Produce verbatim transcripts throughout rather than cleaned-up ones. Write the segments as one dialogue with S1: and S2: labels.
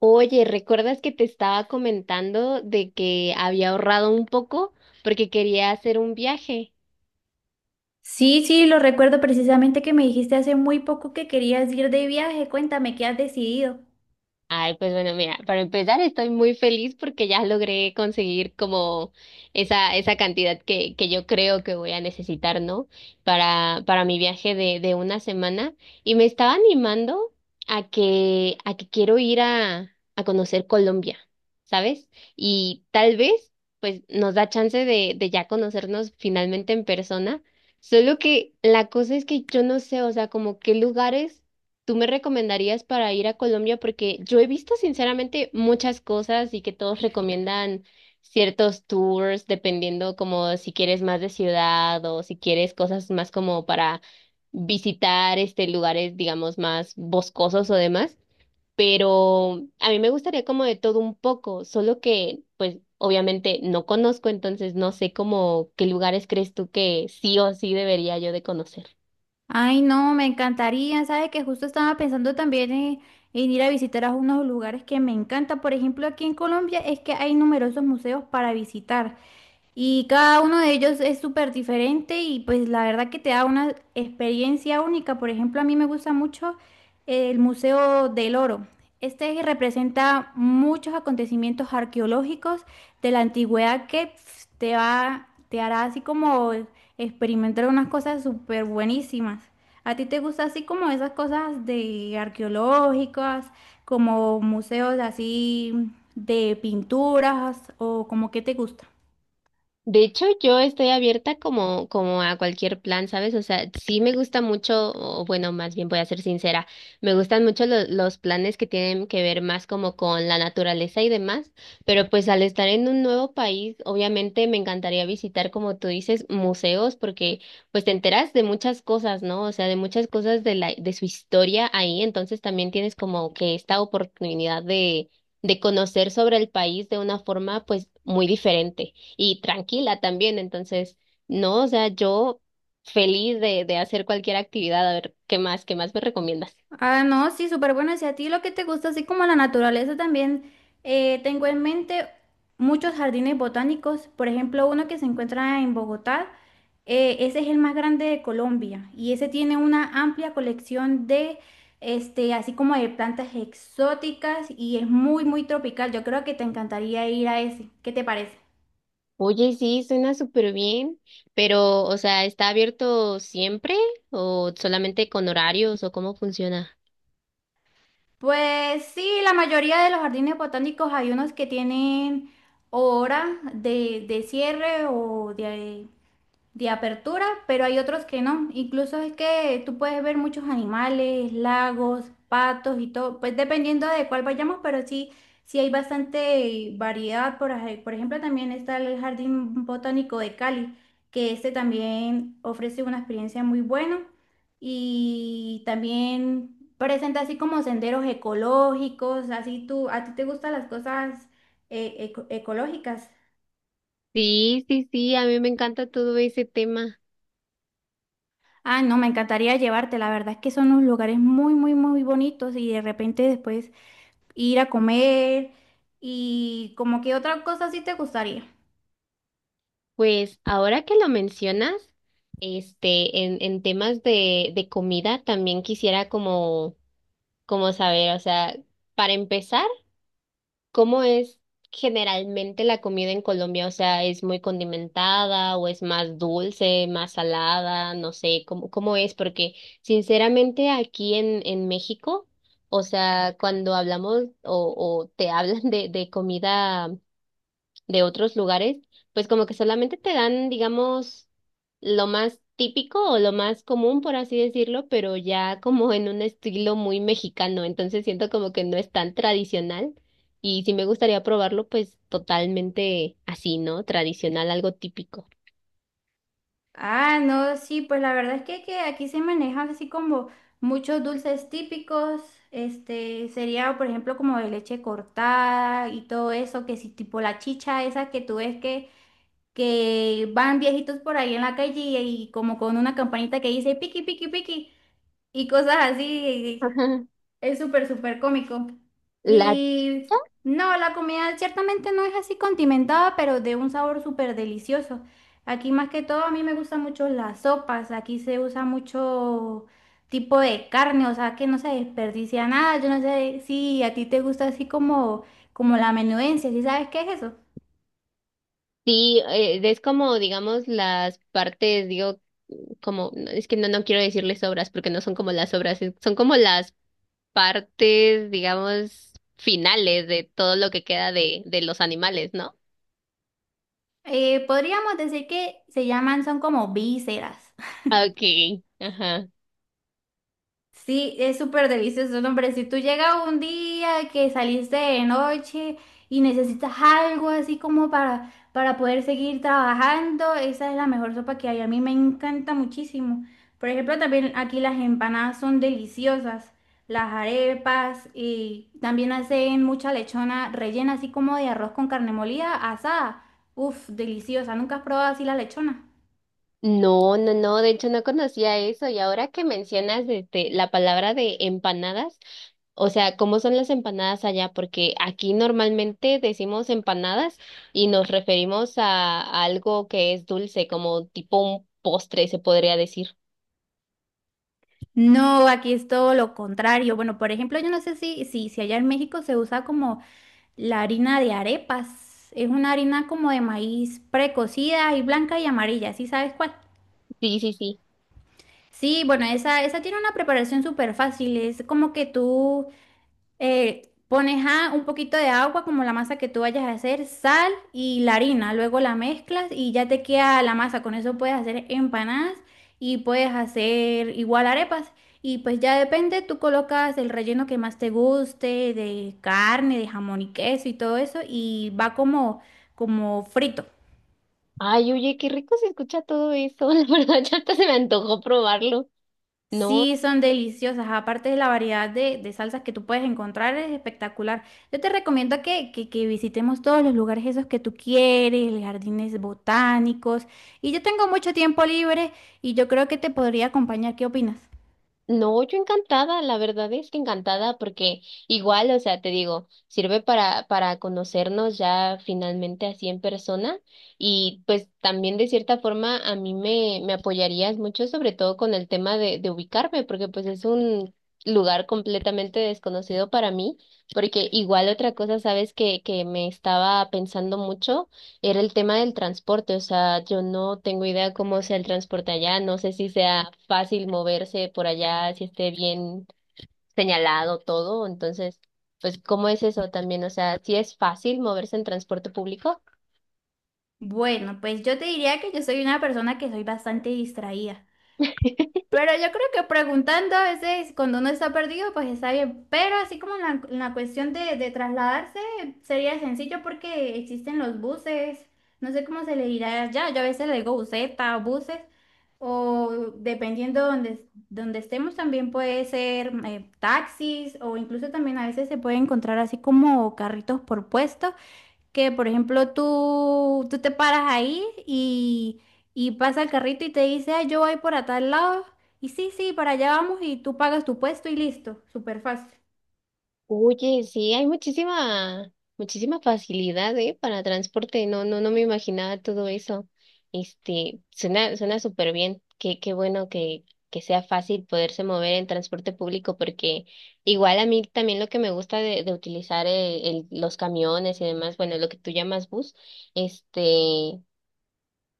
S1: Oye, ¿recuerdas que te estaba comentando de que había ahorrado un poco porque quería hacer un viaje?
S2: Sí, sí, lo recuerdo precisamente que me dijiste hace muy poco que querías ir de viaje. Cuéntame, ¿qué has decidido?
S1: Ay, pues bueno, mira, para empezar estoy muy feliz porque ya logré conseguir como esa, esa cantidad que, que yo creo que voy a necesitar, ¿no? Para, para mi viaje de, de una semana. Y me estaba animando a que, a que quiero ir a, a conocer Colombia, ¿sabes? Y tal vez, pues, nos da chance de, de ya conocernos finalmente en persona. Solo que la cosa es que yo no sé, o sea, como qué lugares tú me recomendarías para ir a Colombia. Porque yo he visto sinceramente muchas cosas y que todos recomiendan ciertos tours, dependiendo como si quieres más de ciudad o si quieres cosas más como para visitar este lugares, digamos, más boscosos o demás. Pero a mí me gustaría como de todo un poco, solo que pues obviamente no conozco, entonces no sé como qué lugares crees tú que sí o sí debería yo de conocer.
S2: Ay, no, me encantaría. Sabes que justo estaba pensando también en, en ir a visitar a unos lugares que me encantan. Por ejemplo, aquí en Colombia es que hay numerosos museos para visitar. Y cada uno de ellos es súper diferente y pues la verdad que te da una experiencia única. Por ejemplo, a mí me gusta mucho el Museo del Oro. Este representa muchos acontecimientos arqueológicos de la antigüedad que pf, te va, te hará así como experimentar unas cosas súper buenísimas. ¿A ti te gusta así como esas cosas de arqueológicas, como museos así de pinturas o como qué te gusta?
S1: De hecho, yo estoy abierta como, como a cualquier plan, ¿sabes? O sea, sí me gusta mucho, o bueno, más bien voy a ser sincera, me gustan mucho lo- los planes que tienen que ver más como con la naturaleza y demás, pero pues al estar en un nuevo país, obviamente me encantaría visitar, como tú dices, museos, porque pues te enteras de muchas cosas, ¿no? O sea, de muchas cosas de la, de su historia ahí, entonces también tienes como que esta oportunidad de, de conocer sobre el país de una forma pues muy diferente y tranquila también. Entonces, no, o sea, yo feliz de, de hacer cualquier actividad. A ver, ¿qué más, ¿qué más me recomiendas?
S2: Ah, no, sí, súper bueno. Y si a ti lo que te gusta, así como la naturaleza también, eh, tengo en mente muchos jardines botánicos. Por ejemplo, uno que se encuentra en Bogotá, eh, ese es el más grande de Colombia y ese tiene una amplia colección de, este, así como de plantas exóticas y es muy, muy tropical. Yo creo que te encantaría ir a ese. ¿Qué te parece?
S1: Oye, sí, suena súper bien, pero, o sea, ¿está abierto siempre o solamente con horarios o cómo funciona?
S2: Pues sí, la mayoría de los jardines botánicos hay unos que tienen hora de, de cierre o de... de apertura, pero hay otros que no. Incluso es que tú puedes ver muchos animales, lagos, patos y todo, pues dependiendo de cuál vayamos, pero sí, sí hay bastante variedad. Por, ej- por ejemplo, también está el Jardín Botánico de Cali, que este también ofrece una experiencia muy buena y también presenta así como senderos ecológicos, así tú, a ti te gustan las cosas eh, eco- ecológicas.
S1: Sí, sí, sí, a mí me encanta todo ese tema.
S2: Ah, no, me encantaría llevarte. La verdad es que son unos lugares muy, muy, muy bonitos y de repente después ir a comer y como que otra cosa sí te gustaría.
S1: Pues ahora que lo mencionas, este, en en temas de, de comida, también quisiera como, como saber, o sea, para empezar, ¿cómo es generalmente la comida en Colombia? O sea, ¿es muy condimentada o es más dulce, más salada? No sé, ¿cómo, ¿cómo es? Porque sinceramente aquí en, en México, o sea, cuando hablamos o, o te hablan de, de comida de otros lugares, pues como que solamente te dan, digamos, lo más típico o lo más común, por así decirlo, pero ya como en un estilo muy mexicano, entonces siento como que no es tan tradicional y si me gustaría probarlo, pues totalmente así, ¿no? Tradicional, algo típico.
S2: Ah, no, sí, pues la verdad es que, que aquí se manejan así como muchos dulces típicos. Este sería, por ejemplo, como de leche cortada y todo eso, que si tipo la chicha esa que tú ves que, que van viejitos por ahí en la calle y, y como con una campanita que dice piqui, piqui, piqui y cosas así.
S1: Ajá.
S2: Es súper, súper cómico.
S1: La.
S2: Y no, la comida ciertamente no es así condimentada, pero de un sabor súper delicioso. Aquí más que todo a mí me gustan mucho las sopas. Aquí se usa mucho tipo de carne, o sea que no se desperdicia nada. Yo no sé si a ti te gusta así como, como la menudencia, ¿sí sabes qué es eso?
S1: Sí, eh, es como, digamos, las partes, digo, como, no, es que no, no quiero decirles obras porque no son como las obras, es- son como las partes, digamos, finales de todo lo que queda de, de los animales, ¿no?
S2: Eh, podríamos decir que se llaman, son como vísceras.
S1: Okay, ajá.
S2: Sí, es súper delicioso, no, hombre. Si tú llegas un día que saliste de noche y necesitas algo así como para, para poder seguir trabajando, esa es la mejor sopa que hay. A mí me encanta muchísimo. Por ejemplo, también aquí las empanadas son deliciosas, las arepas y también hacen mucha lechona rellena así como de arroz con carne molida asada. Uf, deliciosa. ¿Nunca has probado así la lechona?
S1: No, no, no, de hecho no conocía eso y ahora que mencionas este, la palabra de empanadas, o sea, ¿cómo son las empanadas allá? Porque aquí normalmente decimos empanadas y nos referimos a, a algo que es dulce, como tipo un postre, se podría decir.
S2: No, aquí es todo lo contrario. Bueno, por ejemplo, yo no sé si, si, si allá en México se usa como la harina de arepas. Es una harina como de maíz precocida y blanca y amarilla, ¿sí sabes cuál?
S1: Sí, sí, sí.
S2: Sí, bueno, esa, esa tiene una preparación súper fácil. Es como que tú eh, pones a un poquito de agua, como la masa que tú vayas a hacer, sal y la harina. Luego la mezclas y ya te queda la masa. Con eso puedes hacer empanadas y puedes hacer igual arepas. Y pues ya depende, tú colocas el relleno que más te guste, de carne, de jamón y queso y todo eso, y va como, como frito.
S1: Ay, oye, qué rico se escucha todo eso. La verdad, ya hasta se me antojó probarlo. No.
S2: Sí, son deliciosas. Aparte de la variedad de, de salsas que tú puedes encontrar, es espectacular. Yo te recomiendo que, que, que visitemos todos los lugares esos que tú quieres, los jardines botánicos. Y yo tengo mucho tiempo libre y yo creo que te podría acompañar. ¿Qué opinas?
S1: No, yo encantada, la verdad es que encantada porque igual, o sea, te digo, sirve para para conocernos ya finalmente así en persona y pues también de cierta forma a mí me me apoyarías mucho sobre todo con el tema de de ubicarme porque pues es un lugar completamente desconocido para mí, porque igual otra cosa, sabes que que me estaba pensando mucho era el tema del transporte, o sea, yo no tengo idea cómo sea el transporte allá, no sé si sea fácil moverse por allá, si esté bien señalado todo, entonces, pues, ¿cómo es eso también? O sea, ¿si es fácil moverse en transporte público?
S2: Bueno, pues yo te diría que yo soy una persona que soy bastante distraída. Pero yo creo que preguntando a veces cuando uno está perdido, pues está bien. Pero así como en la, en la cuestión de, de trasladarse, sería sencillo porque existen los buses. No sé cómo se le dirá allá. Yo a veces le digo buseta o buses. O dependiendo donde, donde estemos, también puede ser eh, taxis o incluso también a veces se puede encontrar así como carritos por puestos que, por ejemplo, tú, tú te paras ahí y, y pasa el carrito y te dice, "Ay, yo voy para tal lado. Y sí, sí, para allá vamos y tú pagas tu puesto y listo, súper fácil."
S1: Oye, sí, hay muchísima, muchísima facilidad, ¿eh? Para transporte. No, no, no me imaginaba todo eso. Este, suena, suena súper bien. Qué, qué bueno que, que sea fácil poderse mover en transporte público, porque igual a mí también lo que me gusta de, de utilizar eh, el- los camiones y demás, bueno, lo que tú llamas bus, este,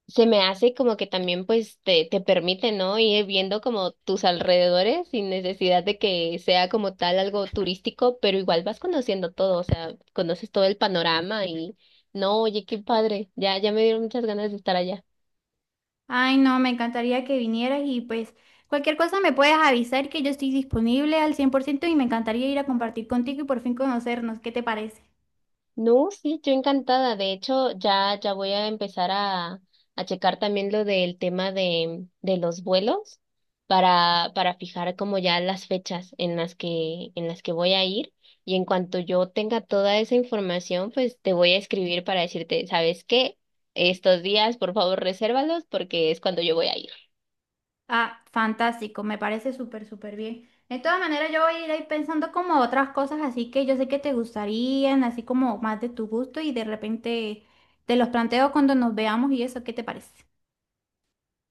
S1: se me hace como que también pues te, te permite, ¿no? Ir viendo como tus alrededores sin necesidad de que sea como tal algo turístico, pero igual vas conociendo todo, o sea, conoces todo el panorama y no, oye, qué padre, ya, ya me dieron muchas ganas de estar allá.
S2: Ay, no, me encantaría que vinieras y pues cualquier cosa me puedes avisar que yo estoy disponible al cien por ciento y me encantaría ir a compartir contigo y por fin conocernos. ¿Qué te parece?
S1: No, sí, yo encantada. De hecho, ya, ya voy a empezar a, a checar también lo del tema de, de los vuelos para, para fijar como ya las fechas en las que, en las que voy a ir. Y en cuanto yo tenga toda esa información, pues te voy a escribir para decirte, ¿sabes qué? Estos días, por favor, resérvalos porque es cuando yo voy a ir.
S2: Ah, fantástico, me parece súper, súper bien. De todas maneras, yo voy a ir ahí pensando como otras cosas así que yo sé que te gustarían, así como más de tu gusto y de repente te los planteo cuando nos veamos y eso, ¿qué te parece?